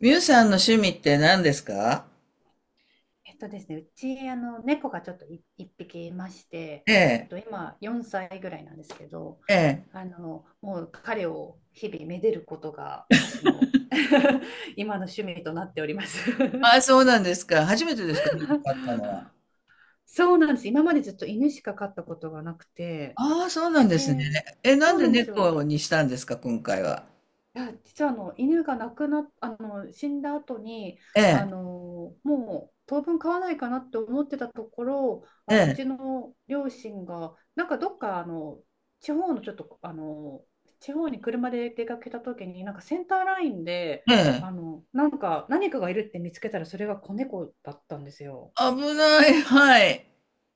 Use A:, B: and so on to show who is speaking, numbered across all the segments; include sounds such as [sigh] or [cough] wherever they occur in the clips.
A: ミュウさんの趣味って何ですか？
B: えっとですね、うち、猫がちょっと一匹いまして、
A: ええ、
B: 今4歳ぐらいなんですけど、
A: ええ。
B: もう彼を日々めでることが私の [laughs] 今の趣味となっております。
A: ああ、そうなんですか。初めてですか、猫飼ったのは。
B: [laughs] そうなんです。今までずっと犬しか飼ったことがなくて、
A: ああ、そうなんです
B: で、
A: ね。え、な
B: そ
A: ん
B: う
A: で
B: なんですよ。
A: 猫にしたんですか、今回は？
B: いや、実はあの犬が亡くなっ、あの死んだ後に
A: ええ、
B: もう当分飼わないかなって思ってたところ
A: え
B: う
A: え、
B: ちの両親がなんかどっか地方のちょっと地方に車で出かけた時になんかセンターラインで
A: ええ。
B: なんか何かがいるって見つけたらそれが子猫だったんですよ。
A: 危ない、はい。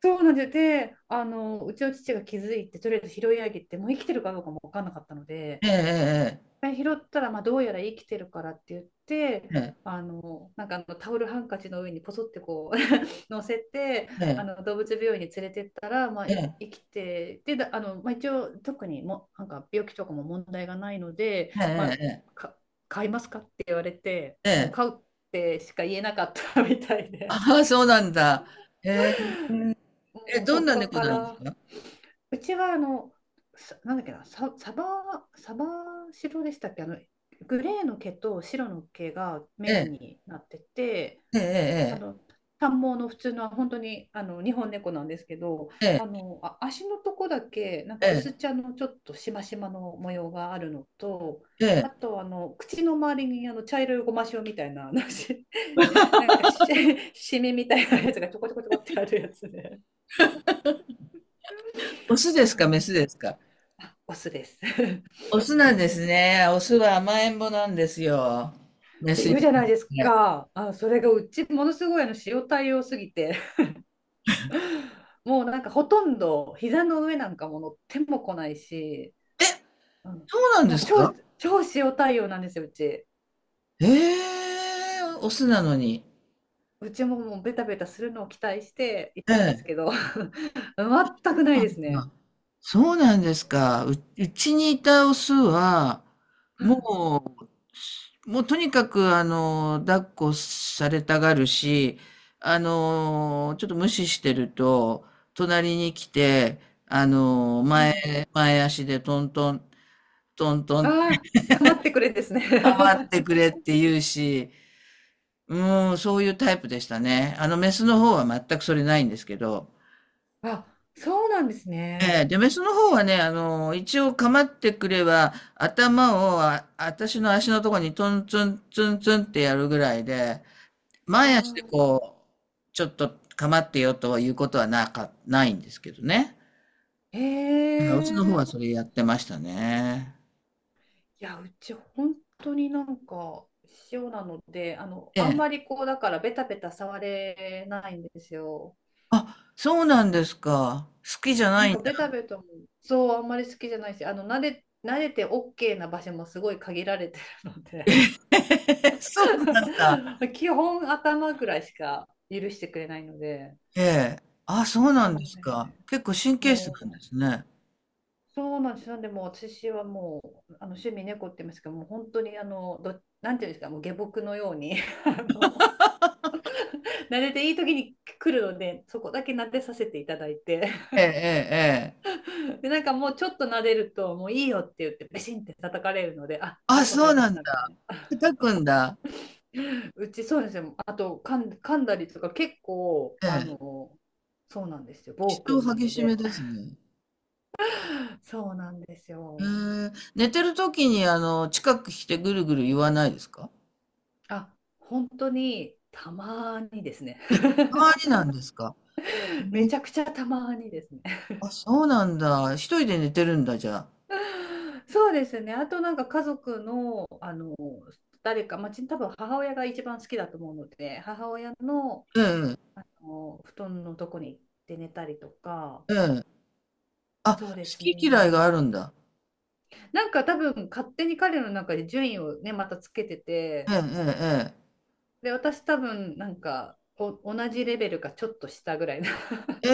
B: そうなんです。で、うちの父が気づいてとりあえず拾い上げて、もう生きてるかどうかも分かんなかったので。
A: ええ、
B: 回拾ったら、まあ、どうやら生きてるからって言って、
A: ええ、
B: なんかタオルハンカチの上にポソってこう [laughs] 乗せて、
A: ええ、
B: 動物病院に連れてったら、まあ、
A: え
B: い
A: え、
B: 生きて、で、だあの、まあ、一応特にも、なんか病気とかも問題がないので、
A: え
B: ま
A: え、
B: あ、
A: ええ、
B: か買いますかって言われて、
A: え
B: もう
A: え。
B: 買
A: ええ。
B: うってしか言えなかった [laughs] みたいで。
A: ああ、そうなんだ。ええ、え、
B: おー、そ
A: どん
B: っ
A: な
B: か
A: 猫
B: か
A: なんです
B: ら。
A: か？
B: うちはさなんだっけな、サ、サバ、サバ白でしたっけ、グレーの毛と白の毛が
A: え
B: メイン
A: え、
B: になってて、
A: え
B: あ
A: え、
B: の、短毛の普通の本当に日本猫なんですけど、
A: ええ、
B: 足のとこだけなん
A: え
B: か
A: え、え
B: 薄
A: え。
B: 茶のちょっとしましまの模様があるのと、
A: ええ。
B: あと口の周りに茶色いごま塩みたいな、[laughs] なんかしみみたいなやつがちょこちょこちょこってあるやつで、
A: オスで
B: そ
A: す
B: う
A: か、メ
B: な
A: ス
B: ん
A: ですか？
B: あオスです [laughs] っ
A: オスなんですね。オスは甘えん坊なんですよ。メ
B: て
A: スに
B: 言
A: 比
B: うじゃ
A: べ
B: ないです
A: て。
B: か。あ、それがうちものすごい塩対応すぎて [laughs] もうなんかほとんど膝の上なんかも乗っても来ないし、
A: え、
B: うん、
A: そうなんで
B: もう
A: す
B: 超
A: か？
B: 超塩対応なんですよ、うち。
A: ええー、オスなのに。
B: うちももうベタベタするのを期待してい
A: え
B: たんで
A: え。
B: すけど [laughs] 全くないですね。
A: あ、そうなんですか。うちにいたオスは、
B: うん
A: ももうとにかく、抱っこされたがるし、ちょっと無視してると、隣に来て、あの、
B: う
A: 前、
B: ん、
A: 前足でトントン、トントン、
B: ああ、構ってくれですね。
A: 頑張ってくれって言うし、もうそういうタイプでしたね。メスの方は全くそれないんですけど。
B: [laughs] あ、そうなんです
A: え
B: ね。
A: え、で、メスの方はね、一応構ってくれば、頭をあ、私の足のとこにトンツンツンツンってやるぐらいで、
B: あ
A: 前足で
B: あ、
A: こう、ちょっと構ってよということはなか、ないんですけどね。
B: へ
A: うん、オスの方
B: え。
A: はそれやってましたね。
B: いや、うち本当になんか塩なので、
A: え
B: あんま
A: え。
B: りこう、だからベタベタ触れないんですよ。
A: あ、そうなんですか。好きじゃな
B: なん
A: いん
B: か
A: だ。
B: ベタベタも、そう、あんまり好きじゃないし、慣れて OK な場所もすごい限られてるので、
A: [laughs] そうなんだ。
B: [laughs] 基本頭ぐらいしか許してくれないので、
A: ええ。あ、そうな
B: あ
A: ん
B: の
A: ですか。
B: ね、
A: 結構神経質
B: も
A: なんで
B: う、
A: すね。
B: そうなんです。なんでもう私はもう趣味猫って言いますけど、もう本当にあのど、なんていうんですか、もう下僕のように [laughs] あの撫でていい時に来るので、そこだけ撫でさせていただいて
A: ええ、ええ、ええ。
B: [laughs] で、なんかもうちょっと撫でるともういいよって言ってベシンって叩かれるので、あ、は
A: あ、
B: い、わか
A: そ
B: り
A: う
B: ま
A: な
B: し
A: ん
B: たみた
A: だ。
B: いな。
A: 叩くんだ。
B: [laughs] うち、そうですよ。あと噛んだりとか結構。
A: ええ。
B: そうなんですよ、
A: 気
B: 暴
A: 性
B: 君な
A: 激
B: の
A: しめ
B: で。
A: です
B: [laughs]
A: ね。
B: そうなんです
A: え
B: よ、
A: え。寝てる時に、近く来てぐるぐる言わないですか？
B: あ、本当にたまにですね。
A: 周りなんですか
B: [laughs] め
A: ね。
B: ちゃくちゃたまにですね。
A: あ、そうなんだ。一人で寝てるんだ、じゃあ。
B: [laughs] そうですね。あとなんか家族の、誰か、まあ、多分母親が一番好きだと思うので、母親の
A: ええ、
B: 布団のとこに行って寝たりとか、
A: ええ。あ、好
B: そうです
A: き嫌い
B: ね。
A: があるんだ。
B: なんか多分勝手に彼の中で順位をね、またつけてて、
A: ええ、
B: で、私多分なんか同じレベルかちょっと下ぐらいな
A: ええ、え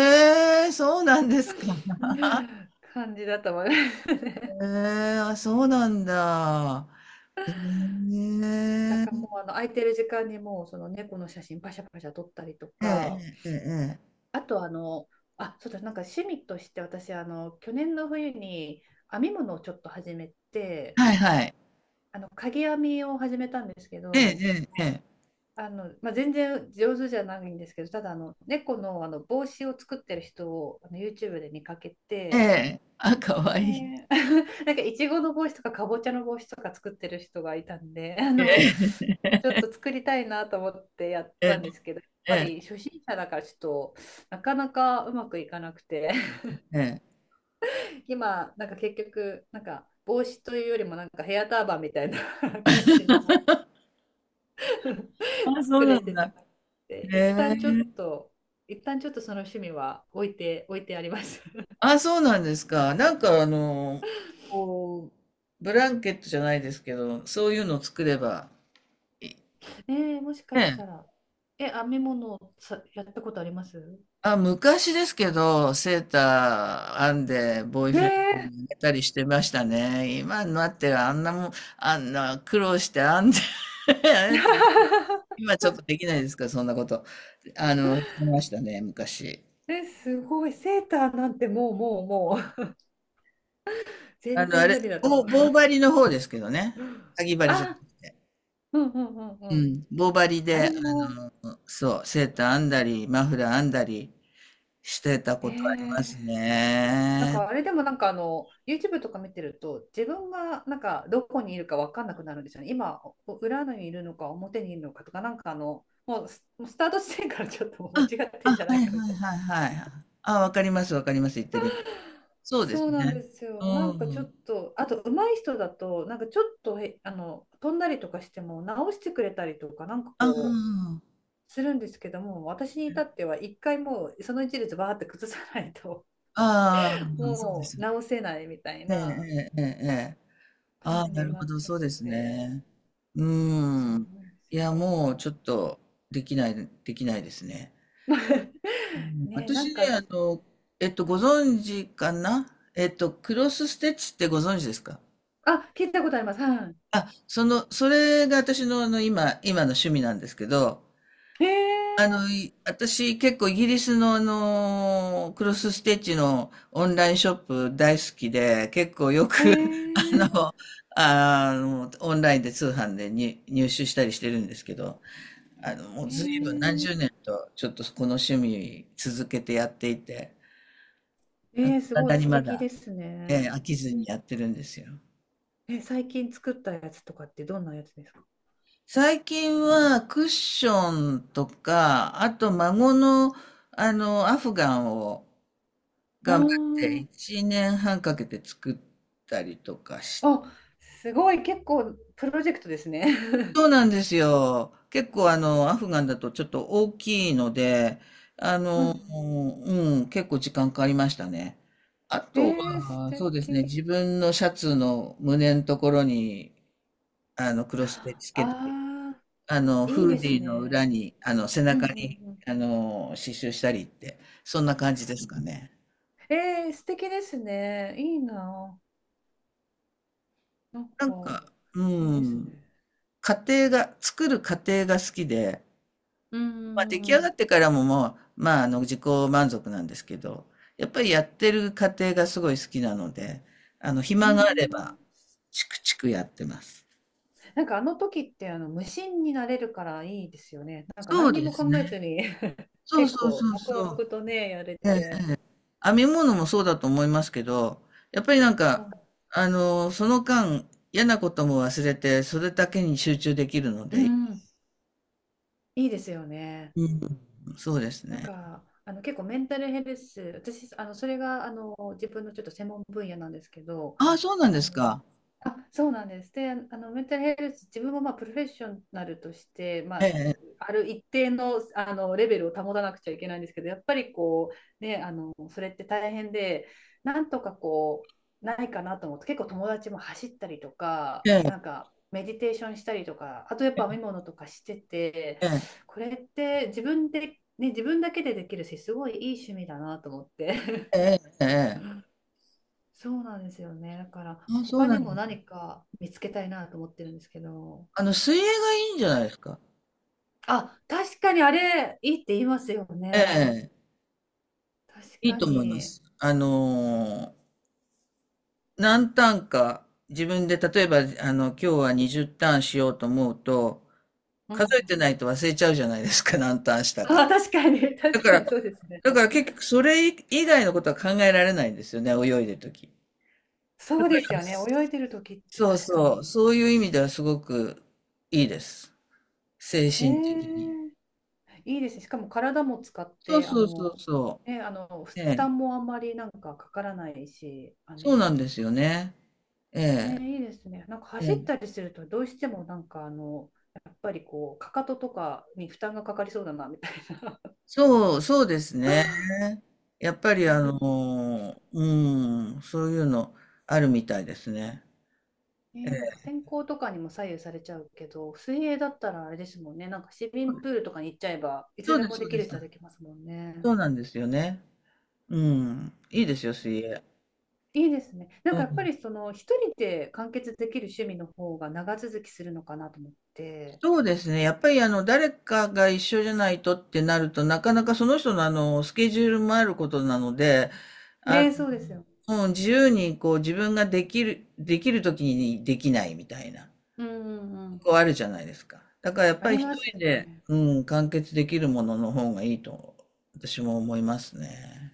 A: え。ええ、そうなんですか。
B: [laughs] 感じだったわね。
A: ええ、あ、そうなんだ。え
B: だからも
A: え。
B: う空いてる時間にもうその猫の写真パシャパシャ撮ったりと
A: え
B: か、
A: え、ええ、ええ、
B: あとあ、そうだ、なんか趣味として私、去年の冬に編み物をちょっと始めて、
A: はいはい。
B: かぎ編みを始めたんですけ
A: ええ、
B: ど、
A: ええ、ええ。
B: まあ、全然上手じゃないんですけど、ただ猫の、帽子を作ってる人をYouTube で見かけ
A: え
B: て、
A: え。あ、可愛いい。
B: で、 [laughs] なんかいちごの帽子とかかぼちゃの帽子とか作ってる人がいたんで、[laughs]
A: ええ、
B: ちょっと作りたいなと思ってやっ
A: え
B: たんですけど、やっぱ
A: え、え
B: り初心者だからちょっとなかなかうまくいかなくて、
A: え、ええ。
B: 今、なんか結局、なんか帽子というよりも、なんかヘアターバンみたいな [laughs] 感じの [laughs]
A: あ、そ
B: 作
A: うな
B: れ
A: ん
B: てなく
A: だ。
B: て、
A: へ
B: 一
A: え。
B: 旦ちょっと、一旦ちょっとその趣味は置いてあります。[laughs]
A: あ、そうなんですか。なんかこう、ブランケットじゃないですけど、そういうのを作れば、いい。
B: もしかし
A: ね
B: たら、
A: え。
B: 編み物さ、やったことあります？
A: あ、昔ですけど、セーター編んで、ボーイフレン
B: え
A: ド
B: え
A: にあげたりしてましたね。今になってはあんなもん、あんな苦労して編んで
B: ー。
A: [laughs]
B: [laughs]
A: 今ちょっとできないですか、そんなこと。してましたね、昔。
B: え、すごい。セーターなんてもうもうもう。[laughs]
A: あ
B: 全
A: の、あ
B: 然
A: れ、
B: 無理だと思いま
A: 棒
B: す。
A: 針の方ですけどね。
B: [gasps]
A: かぎ針じゃな
B: あ、
A: くて。
B: うんうんうんう
A: う
B: ん。
A: ん。棒針
B: あ
A: で、
B: れ
A: あ
B: も、
A: の、そう、セーター編んだり、マフラー編んだりしてた
B: え
A: こ
B: え
A: とあります
B: ー、なん
A: ね。
B: かあれでもなんかYouTube とか見てると、自分がなんかどこにいるか分かんなくなるんですよね。今、裏にいるのか表にいるのかとか、なんかもうスタート地点からちょっともう間
A: あ、
B: 違ってん
A: あ、
B: じゃな
A: は
B: い
A: い
B: かみ
A: はい
B: たいな。
A: はいはい。あ、わかります、わかります、言ってる意味。そうで
B: そ
A: す
B: うなんで
A: ね。
B: すよ。
A: う
B: なんかちょっ
A: ん。
B: とあと上手い人だとなんかちょっとへあの飛んだりとかしても直してくれたりとか、なんかこう
A: あ
B: するんですけども、私に至っては一回もうその一列バーって崩さないと
A: あ、ああ、そうで
B: も
A: す
B: う
A: よね。
B: 直せないみたい
A: え
B: な
A: え、ええ、ええ。え。
B: 感
A: ああ、
B: じ
A: な
B: に
A: る
B: な
A: ほ
B: っ
A: ど、
B: ちゃっ
A: そうで
B: て
A: す
B: て。
A: ね。う
B: そう
A: ーん。
B: 思うんで
A: い
B: す
A: や、もう
B: よ。
A: ちょっとできないですね。う
B: [laughs]
A: ん、
B: ねえ、なん
A: 私ね、
B: か
A: あ
B: し、
A: の、ご存知かな。クロスステッチってご存知ですか？
B: あ、聞いたことあります。は
A: あ、その、それが私の、あの、今の趣味なんですけど、
B: い。
A: あ
B: え
A: の、私、結構イギリスのあの、クロスステッチのオンラインショップ大好きで、結構よ
B: ー、え
A: く、[laughs] あ
B: ー、
A: の、あの、オンラインで通販でに入手したりしてるんですけど、あの、もう
B: え
A: 随分何
B: ー、
A: 十年とちょっとこの趣味続けてやっていて、なんか
B: えー、す
A: 未
B: ご
A: だ
B: い
A: に
B: 素
A: ま
B: 敵
A: だ、
B: ですね。
A: 飽きずにやってるんですよ。
B: え、最近作ったやつとかってどんなやつですか？
A: 最近はクッションとか、あと孫のあの、アフガンを
B: あ
A: 頑張って
B: ー
A: 1年半かけて作ったりとかし、
B: あ、すごい、結構プロジェクトですね。
A: そう
B: [laughs]
A: なんですよ。結構あの、アフガンだとちょっと大きいので、あ
B: う
A: の、
B: ん。
A: うん、結構時間かかりましたね。あ
B: [laughs] え
A: と
B: ー、素
A: は、そうですね、自
B: 敵。
A: 分のシャツの胸のところに、あの、クロステ
B: あ
A: つけて、
B: あ、
A: あの、
B: いい
A: フ
B: で
A: ーデ
B: す
A: ィーの裏
B: ね。
A: に、あの、背
B: うんう
A: 中
B: ん
A: に、
B: うん。
A: あの、刺繍したりって、そんな感じですかね。
B: えー、素敵ですね。いいな。なん
A: なん
B: か、
A: か、う
B: いいです
A: ん。
B: ね。
A: 家庭が、作る過程が好きで、
B: うん
A: まあ、出
B: う
A: 来上
B: んう
A: が
B: ん
A: ってからももう、まあ、あの、自己満足なんですけど、やっぱりやってる過程がすごい好きなので、あの、
B: う
A: 暇
B: んう
A: があれば、
B: ん。
A: チクチクやってます。
B: なんかあの時って無心になれるからいいですよね。なんか
A: そう
B: 何に
A: で
B: も
A: すね。
B: 考えずに。 [laughs]
A: そう
B: 結
A: そう
B: 構
A: そう
B: 黙
A: そう。
B: 々とね、やれ
A: ええ、
B: て。
A: 編み物もそうだと思いますけど、やっぱりなん
B: そ
A: か、
B: う。
A: あの、その間、嫌なことも忘れて、それだけに集中できるの
B: う
A: で、
B: んうん、いいですよね。
A: うん、そうです
B: なん
A: ね。
B: か結構メンタルヘルス、私、それが自分のちょっと専門分野なんですけど、
A: ああ、そうなん
B: あ
A: です
B: の
A: か。
B: あ、そうなんです。で、メンタルヘルス、自分もまあプロフェッショナルとして、ま
A: え
B: あ、
A: え、
B: ある一定の、レベルを保たなくちゃいけないんですけど、やっぱりこう、ね、それって大変で、なんとかこう、ないかなと思って、結構友達も走ったりとか、
A: え
B: なん
A: え、
B: かメディテーションしたりとか、あとやっぱ編み物とかしてて、
A: ええ、
B: これって自分で、ね、自分だけでできるし、すごいいい趣味だなと思って。
A: ええ、ええ、
B: [laughs] そうなんですよね。だから、
A: あ、そう
B: 他
A: な
B: に
A: ん
B: も
A: です。
B: 何か見つけたいなと思ってるんですけど。
A: あの、水泳がいいんじゃないですか。
B: あ、確かにあれ、いいって言いますよ
A: え
B: ね。
A: え、
B: 確
A: いい
B: か
A: と思いま
B: に。
A: す。何ターンか、自分で例えば、あの、今日は20ターンしようと思うと、
B: う
A: 数
B: ん。
A: えてないと忘れちゃうじゃないですか、[laughs] 何ターンし
B: [laughs]
A: たか。
B: あ、確かに。
A: だ
B: 確
A: か
B: かに
A: ら、
B: そうですね。
A: だから結局それ以外のことは考えられないんですよね、泳いでるとき。
B: そうですよね。泳いでる時って
A: そう
B: 確か
A: そう、
B: に。
A: そういう意味ではすごくいいです。精
B: え
A: 神的に。
B: ー、いいですね。しかも体も使っ
A: そう
B: て、
A: そうそうそ
B: ね、ふ
A: う。え
B: 負
A: え。
B: 担もあんまりなんかかからないし、
A: そうなんですよね。ええ、
B: ね、いいですね。なんか
A: え
B: 走っ
A: え。
B: たりすると、どうしてもなんかやっぱりこう、かかととかに負担がかかりそうだな、みたいな。
A: そう、そうですね。やっぱりあ
B: [laughs]
A: の、うん、そういうのあるみたいですね。え
B: ね、なんか
A: え、
B: 天候とかにも左右されちゃうけど、水泳だったらあれですもんね。なんか市民プールとかに行っちゃえば、い
A: そ
B: つ
A: う
B: で
A: で
B: も
A: す、そ
B: で
A: う
B: き
A: で
B: るっ
A: す。
B: ちゃできますもんね。
A: そうなんですよね。うん、いいですよ、水泳。
B: いいですね。な
A: う
B: んかやっぱ
A: ん、
B: り一人で完結できる趣味の方が長続きするのかなと思って。
A: そうですね。やっぱりあの、誰かが一緒じゃないとってなると、なかなかその人のあの、スケジュールもあることなので、あ
B: ね、そうですよ。
A: の、もう自由にこう自分ができる、できる時にできないみたいな。
B: うんうんうん。
A: 構あるじゃないですか。だからやっ
B: あ
A: ぱり
B: り
A: 一
B: ます
A: 人で、
B: ね。
A: うん、完結できるものの方がいいと、私も思いますね。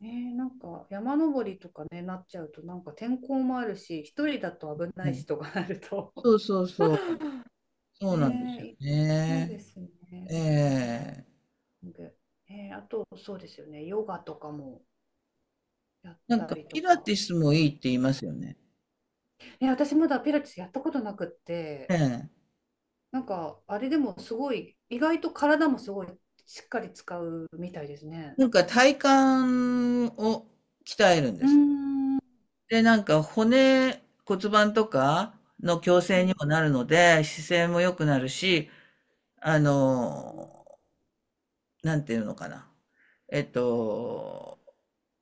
B: ねえ、なんか山登りとかね、なっちゃうと、なんか天候もあるし、一人だと危ない
A: ね。
B: しとかなると、
A: そうそうそう。
B: [laughs]
A: そうなんで
B: ね
A: すよ
B: え、そうで
A: ね。
B: すね、
A: え
B: スイ
A: え。
B: ミング。あと、そうですよね、ヨガとかもやっ
A: なん
B: た
A: か、
B: りと
A: ピラ
B: か。
A: ティスもいいって言いますよね。
B: いや、私まだピラティスやったことなくって、
A: ええ。
B: なんかあれでもすごい、意外と体もすごいしっかり使うみたいですね。
A: なんか体幹を鍛えるんで
B: うー
A: す。
B: ん。
A: で、なんか骨盤とかの矯正にもなるので、姿勢も良くなるし、あの、なんていうのかな。えっと、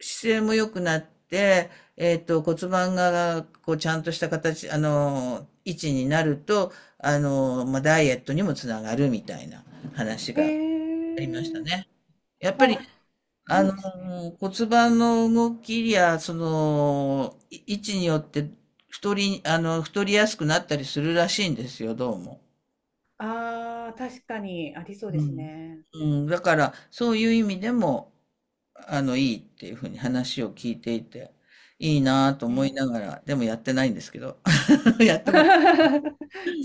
A: 姿勢も良くなって、骨盤が、こう、ちゃんとした形、あの、位置になると、あの、まあ、ダイエットにもつながるみたいな話
B: え
A: がありました
B: ー、
A: ね。やっぱり、
B: あ、
A: あ
B: いい
A: の、
B: ですね。
A: 骨盤の動きや、その、位置によって、あの、太りやすくなったりするらしいんですよ、どうも。
B: ああ、確かにありそうで
A: う
B: す
A: ん。
B: ね。
A: うん、だからそういう意味でもあのいいっていうふうに話を聞いていていいなぁと
B: え
A: 思い
B: ー
A: ながらでもやってないんですけど、 [laughs] やっ
B: [laughs]
A: た
B: ちょ
A: こと
B: っ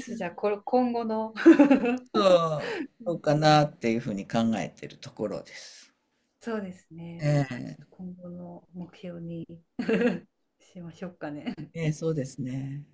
B: とじゃあ、これ、今後の。 [laughs]
A: そう
B: う
A: そうかな
B: ん、
A: っていうふうに考えてるところです。
B: そうですね。じゃあ、ちょ
A: え
B: っと
A: え、
B: 今後の目標に [laughs] しましょうかね。
A: ええ、そうですね。